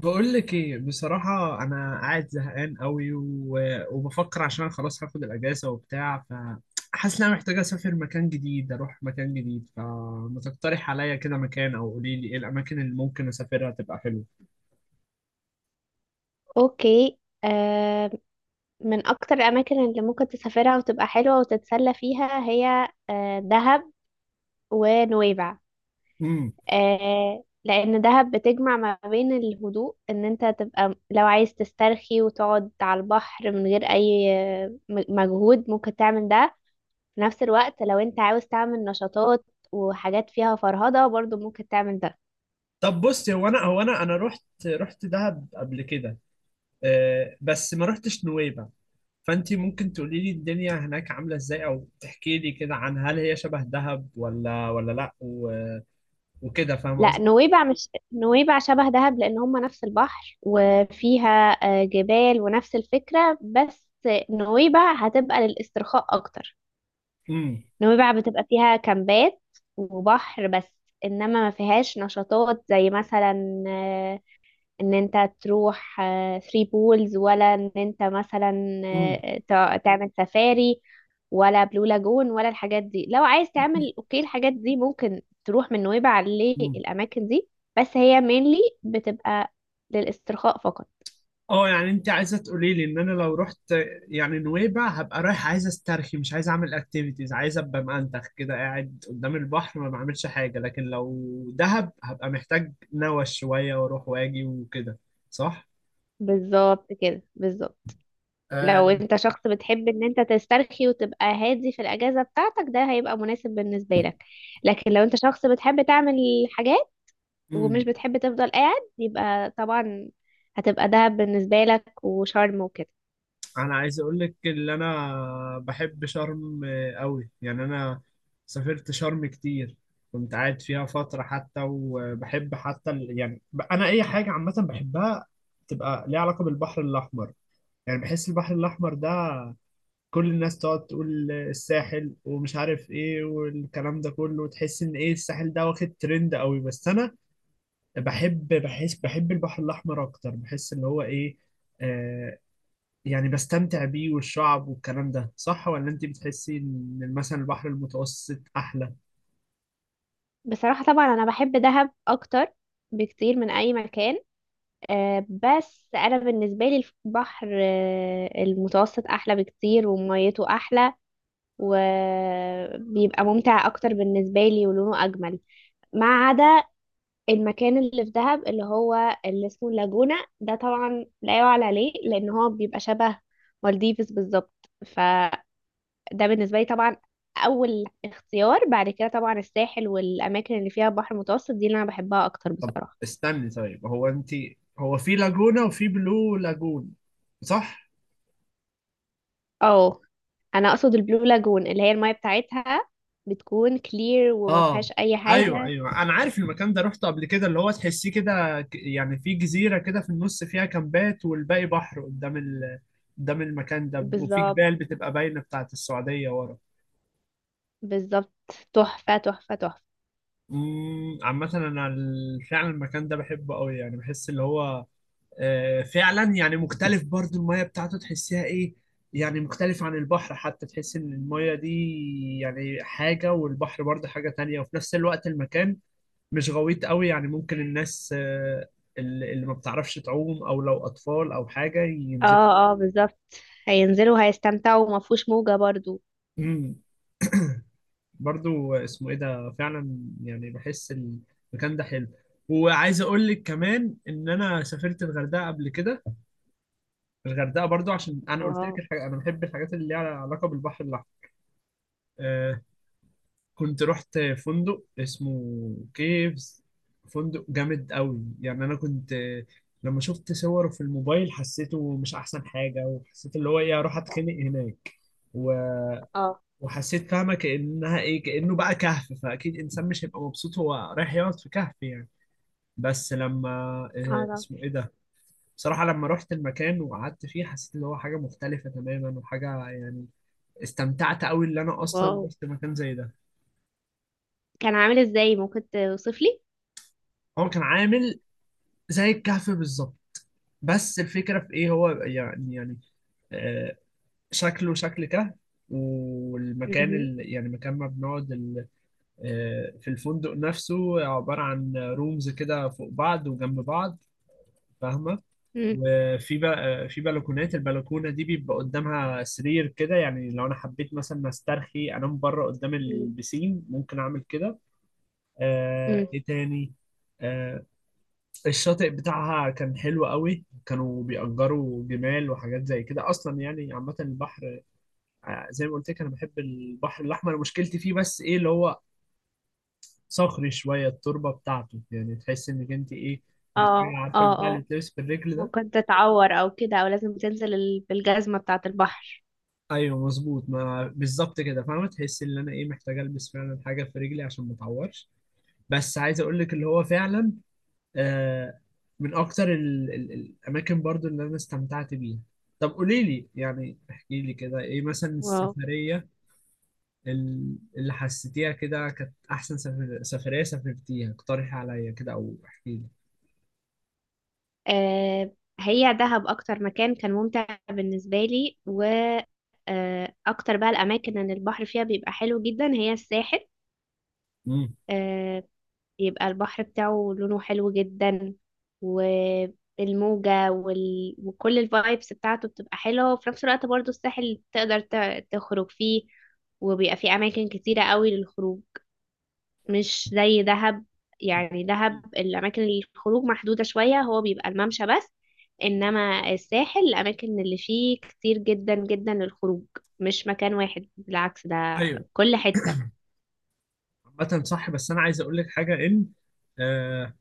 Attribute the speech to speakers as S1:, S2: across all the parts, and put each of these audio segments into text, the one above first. S1: بقول لك ايه؟ بصراحة انا قاعد زهقان قوي و... وبفكر عشان انا خلاص هاخد الاجازة وبتاع، فحاسس ان انا محتاج اسافر مكان جديد، اروح مكان جديد، فما تقترح عليا كده مكان او قولي لي ايه الاماكن اللي ممكن اسافرها تبقى حلوة.
S2: اوكي. آه، من اكتر الاماكن اللي ممكن تسافرها وتبقى حلوه وتتسلى فيها هي دهب ونويبع.
S1: امم
S2: آه، لان دهب بتجمع ما بين الهدوء، ان انت تبقى لو عايز تسترخي وتقعد على البحر من غير اي مجهود، ممكن تعمل ده. في نفس الوقت لو انت عاوز تعمل نشاطات وحاجات فيها فرهضه برضو ممكن تعمل ده.
S1: طب بصي، هو انا هو انا انا رحت دهب قبل كده، أه، بس ما رحتش نويبع. فانتي ممكن تقولي لي الدنيا هناك عاملة ازاي او تحكي لي كده عن هل هي شبه دهب ولا لا، و... وكده، فاهمة
S2: لا،
S1: قصدي.
S2: نويبع مش نويبع شبه دهب، لان هم نفس البحر وفيها جبال ونفس الفكرة، بس نويبع هتبقى للاسترخاء اكتر. نويبع بتبقى فيها كامبات وبحر بس، انما ما فيهاش نشاطات، زي مثلا ان انت تروح ثري بولز، ولا ان انت مثلا
S1: امم
S2: تعمل سفاري، ولا بلو لاجون، ولا الحاجات دي. لو عايز تعمل اوكي، الحاجات دي ممكن تروح من نويبع
S1: مم.
S2: للاماكن دي، بس هي mainly بتبقى للاسترخاء فقط.
S1: اه، يعني انت عايزه تقولي لي ان انا لو رحت يعني نويبع هبقى رايح، عايز استرخي، مش عايز اعمل اكتيفيتيز، عايز ابقى مأنتخ كده قاعد قدام البحر ما بعملش حاجه، لكن لو دهب هبقى محتاج نوش شويه واروح واجي وكده. صح؟
S2: بالظبط كده، بالظبط.
S1: آه.
S2: لو انت شخص بتحب ان انت تسترخي وتبقى هادي في الاجازه بتاعتك، ده هيبقى مناسب بالنسبه لك. لكن لو انت شخص بتحب تعمل حاجات ومش
S1: امم
S2: بتحب تفضل قاعد، يبقى طبعا هتبقى دهب بالنسبة لك، وشرم وكده.
S1: انا عايز اقول لك ان انا بحب شرم قوي، يعني انا سافرت شرم كتير، كنت قاعد فيها فترة حتى. وبحب حتى ال... يعني انا اي حاجة عامة بحبها تبقى ليها علاقة بالبحر الاحمر. يعني بحس البحر الاحمر ده، كل الناس تقعد تقول الساحل ومش عارف ايه والكلام ده كله، تحس ان ايه، الساحل ده واخد ترند قوي، بس انا بحب البحر الاحمر اكتر، بحس اللي هو ايه، آه، يعني بستمتع بيه والشعب والكلام ده. صح ولا انت بتحسي ان مثلا البحر المتوسط احلى؟
S2: بصراحة طبعا أنا بحب دهب أكتر بكتير من أي مكان. آه، بس أنا بالنسبة لي البحر، المتوسط أحلى بكتير، وميته أحلى وبيبقى ممتع أكتر بالنسبة لي، ولونه أجمل. ما عدا المكان اللي في دهب اللي هو اللي اسمه اللاجونة، ده طبعا لا يعلى عليه، لأن هو بيبقى شبه مالديفز بالظبط. ده بالنسبة لي طبعا أول اختيار. بعد كده طبعا الساحل والأماكن اللي فيها بحر متوسط، دي اللي أنا بحبها أكتر
S1: طب
S2: بصراحة.
S1: استني، طيب هو انت، هو في لاجونا وفي بلو لاجون، صح؟
S2: اه، أنا أقصد البلو لاجون، اللي هي المية بتاعتها بتكون كلير وما
S1: اه،
S2: فيهاش أي
S1: ايوه
S2: حاجة.
S1: ايوه، انا عارف المكان ده، رحته قبل كده، اللي هو تحسيه كده، يعني في جزيرة كده في النص، فيها كامبات والباقي بحر قدام ال... قدام المكان ده، وفي
S2: بالظبط،
S1: جبال بتبقى باينة بتاعت السعودية ورا.
S2: بالظبط. تحفة، تحفة، تحفة.
S1: عامة انا فعلا المكان ده بحبه قوي، يعني بحس اللي هو آه، فعلا يعني مختلف برضو، المية بتاعته تحسها ايه، يعني مختلف عن البحر حتى، تحس ان المية دي يعني حاجة والبحر برضه حاجة تانية، وفي نفس الوقت المكان مش غويط قوي، يعني ممكن الناس آه، اللي ما بتعرفش تعوم او لو اطفال او حاجة ينزل.
S2: اه اه، بالظبط. هينزلوا هيستمتعوا وما فيهوش موجة برضو.
S1: امم برضو اسمه ايه ده فعلا، يعني بحس المكان ده حلو. وعايز اقول لك كمان ان انا سافرت الغردقة قبل كده، الغردقه برضو عشان انا قلت
S2: واو.
S1: لك الحاجة، انا بحب الحاجات اللي ليها علاقه بالبحر. آه، كنت رحت فندق اسمه كيفز، فندق جامد قوي، يعني انا كنت آه، لما شفت صوره في الموبايل حسيته مش احسن حاجه، وحسيت اللي هو ايه، اروح اتخنق هناك، و-
S2: اه
S1: وحسيت فاهمه كانها ايه، كانه بقى كهف، فاكيد انسان مش هيبقى مبسوط هو رايح يقعد في كهف يعني. بس لما
S2: اه،
S1: آه،
S2: طبعاً.
S1: اسمه ايه ده، بصراحه لما رحت المكان وقعدت فيه حسيت اللي هو حاجه مختلفه تماما، وحاجه يعني استمتعت قوي، اللي انا اصلا
S2: واو،
S1: رحت مكان زي ده.
S2: كان عامل ازاي؟ ممكن توصف لي؟
S1: هو كان عامل زي الكهف بالظبط، بس الفكرة في ايه، هو يعني آه، شكله شكل كهف، والمكان
S2: مهم.
S1: ال... يعني مكان ما بنقعد ال... آه، في الفندق نفسه عبارة عن رومز كده فوق بعض وجنب بعض، فاهمة؟
S2: مم.
S1: وفي بقى في بلكونات، البلكونة دي بيبقى قدامها سرير كده، يعني لو انا حبيت مثلا استرخي انام بره قدام
S2: مم.
S1: البسين ممكن اعمل كده. آه،
S2: مم.
S1: ايه تاني، آه، الشاطئ بتاعها كان حلو قوي، كانوا بيأجروا جمال وحاجات زي كده. اصلا يعني عامة البحر آه، زي ما قلت لك، انا بحب البحر الاحمر، مشكلتي فيه بس ايه اللي هو صخري شوية، التربة بتاعته يعني تحس انك انت ايه، محتاجة،
S2: اه
S1: عارفة
S2: اه
S1: البتاع اللي
S2: اه،
S1: بتلبس في الرجل ده.
S2: ممكن تتعور او كده، او لازم تنزل بالجزمة بتاعة البحر.
S1: ايوه مظبوط، ما بالظبط كده، فاهمة، تحس ان انا ايه، محتاجة البس فعلا حاجة في رجلي عشان ما اتعورش. بس عايز اقول لك اللي هو فعلا آه، من اكتر الاماكن برضو اللي انا استمتعت بيها. طب قولي لي يعني، احكي لي كده، ايه مثلا
S2: واو.
S1: السفرية اللي حسيتيها كده كانت احسن سفرية سافرتيها؟ اقترحي عليا كده او احكي لي.
S2: آه، هي دهب اكتر مكان كان ممتع بالنسبة لي. و اكتر بقى الاماكن ان البحر فيها بيبقى حلو جدا هي الساحل.
S1: امم
S2: آه، بيبقى البحر بتاعه لونه حلو جدا، والموجة وكل الفايبس بتاعته بتبقى حلوة. وفي نفس الوقت برضو الساحل تقدر تخرج فيه، وبيبقى فيه اماكن كتيرة قوي للخروج، مش زي دهب. يعني دهب الأماكن الخروج محدودة شوية، هو بيبقى الممشى بس. إنما الساحل الأماكن اللي فيه كتير جدا جدا للخروج، مش مكان واحد، بالعكس ده
S1: ايوه،
S2: كل حتة.
S1: عامة صح، بس انا عايز اقول لك حاجة ان آه،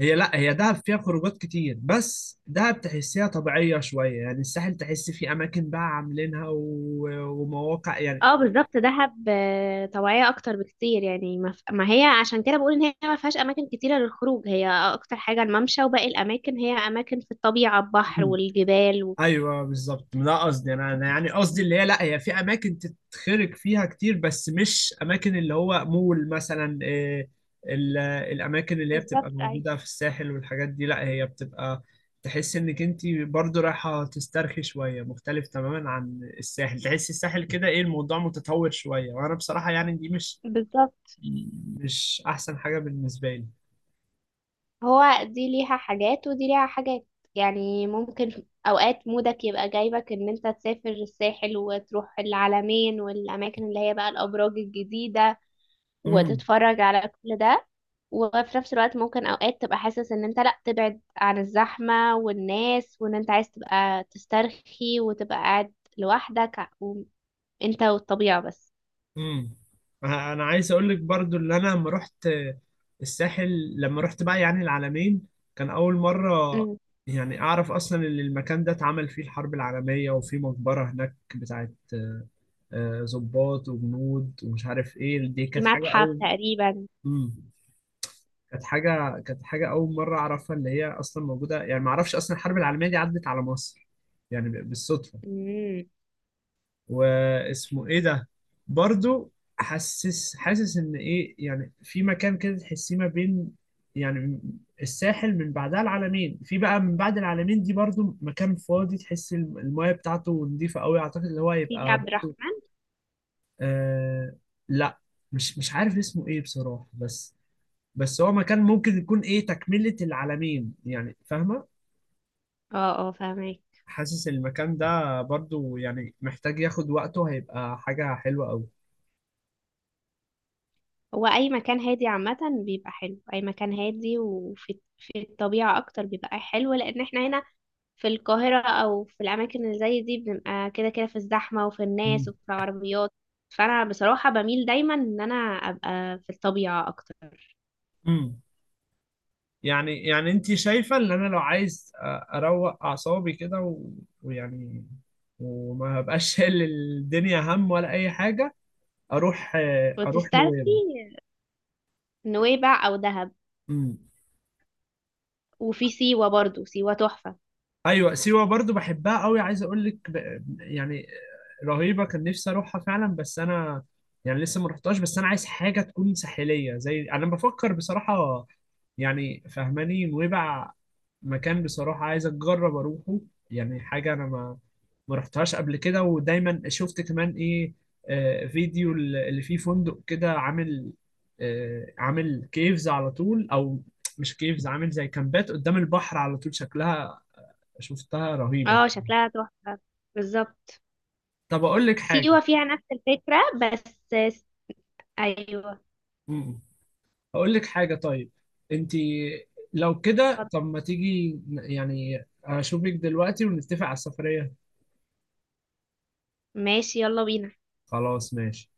S1: لا هي دهب فيها خروجات كتير، بس دهب تحسيها طبيعية شوية. يعني الساحل تحس فيه اماكن بقى عاملينها و... ومواقع يعني.
S2: اه بالظبط، دهب طواعية أكتر بكتير. يعني ما هي عشان كده بقول إن هي ما فيهاش أماكن كتيرة للخروج، هي أكتر حاجة الممشى، وباقي الأماكن هي أماكن في الطبيعة، البحر والجبال وكده.
S1: ايوه بالظبط، ده قصدي، انا يعني قصدي اللي هي، لا هي في اماكن تتخرج فيها كتير، بس مش اماكن اللي هو مول مثلا إيه، الاماكن اللي هي بتبقى
S2: بالظبط، أيوة،
S1: موجوده في الساحل والحاجات دي، لا هي بتبقى تحس انك انت برضو رايحه تسترخي شويه، مختلف تماما عن الساحل. تحس الساحل كده ايه، الموضوع متطور شويه، وانا بصراحه يعني دي
S2: بالظبط.
S1: مش احسن حاجه بالنسبه
S2: هو دي ليها حاجات ودي ليها حاجات. يعني ممكن اوقات مودك يبقى جايبك ان انت تسافر الساحل، وتروح العلمين والاماكن اللي هي بقى الابراج الجديدة،
S1: لي.
S2: وتتفرج على كل ده. وفي نفس الوقت ممكن اوقات تبقى حاسس ان انت لا، تبعد عن الزحمة والناس، وان انت عايز تبقى تسترخي وتبقى قاعد لوحدك، وانت والطبيعة بس.
S1: امم أنا عايز اقول لك برضو اللي انا لما رحت الساحل، لما رحت بقى يعني العلمين، كان اول مره
S2: مم.
S1: يعني اعرف اصلا ان المكان ده اتعمل فيه الحرب العالميه، وفي مقبره هناك بتاعت آه، آه، ضباط وجنود ومش عارف ايه. دي
S2: في
S1: كانت حاجه
S2: متحف
S1: اول،
S2: تقريبا.
S1: امم كانت حاجه، كانت حاجه اول مره اعرفها اللي هي اصلا موجوده، يعني ما اعرفش اصلا الحرب العالميه دي عدت على مصر، يعني بالصدفه.
S2: مم.
S1: واسمه ايه ده برضو، حاسس، حاسس ان ايه، يعني في مكان كده تحسيه ما بين يعني الساحل، من بعدها العلمين، في بقى من بعد العلمين دي برضو مكان فاضي تحس المايه بتاعته نضيفة قوي، اعتقد اللي هو
S2: سيدي
S1: هيبقى
S2: عبد
S1: برضو
S2: الرحمن.
S1: آه، لا مش، مش عارف اسمه ايه بصراحة، بس بس هو مكان ممكن يكون ايه، تكملة العلمين يعني، فاهمة؟
S2: اه اه، فاهمك.
S1: حاسس المكان ده برضو يعني محتاج ياخد وقته، هيبقى حاجة حلوة قوي.
S2: هو اي مكان هادي عامة بيبقى حلو، اي مكان هادي وفي في الطبيعة اكتر بيبقى حلو، لان احنا هنا في القاهرة او في الاماكن اللي زي دي بنبقى كده كده في الزحمة، وفي الناس، وفي العربيات. فانا بصراحة بميل دايما ان انا ابقى في الطبيعة اكتر.
S1: مم. يعني يعني انت شايفة ان انا لو عايز اروق اعصابي كده و... ويعني وما بقاش شايل الدنيا هم ولا اي حاجة، اروح، اروح
S2: وتسترخي.
S1: نويبع.
S2: نويبع او دهب.
S1: امم
S2: وفي سيوة برضو، سيوة تحفة.
S1: ايوه، سيوة برضو بحبها قوي، عايز اقول لك ب... يعني رهيبة، كان نفسي اروحها فعلا، بس انا يعني لسه ما رحتهاش. بس انا عايز حاجة تكون ساحلية زي، انا بفكر بصراحة، يعني فهماني، نويبع مكان بصراحة عايز أجرب أروحه، يعني حاجة أنا ما رحتهاش قبل كده، ودايما شفت كمان ايه، آه، فيديو اللي فيه فندق كده عامل آه، عامل كيفز على طول، او مش كيفز، عامل زي كامبات قدام البحر على طول شكلها، شفتها رهيبة.
S2: اه، شكلها تحفة، بالظبط.
S1: طب اقول لك حاجة،
S2: سيوة فيها نفس الفكرة بس. ايوه.
S1: مم. اقول لك حاجة طيب، انت لو كده،
S2: اتفضل.
S1: طب ما تيجي يعني اشوفك دلوقتي ونتفق على السفرية؟
S2: ماشي، يلا بينا.
S1: خلاص ماشي.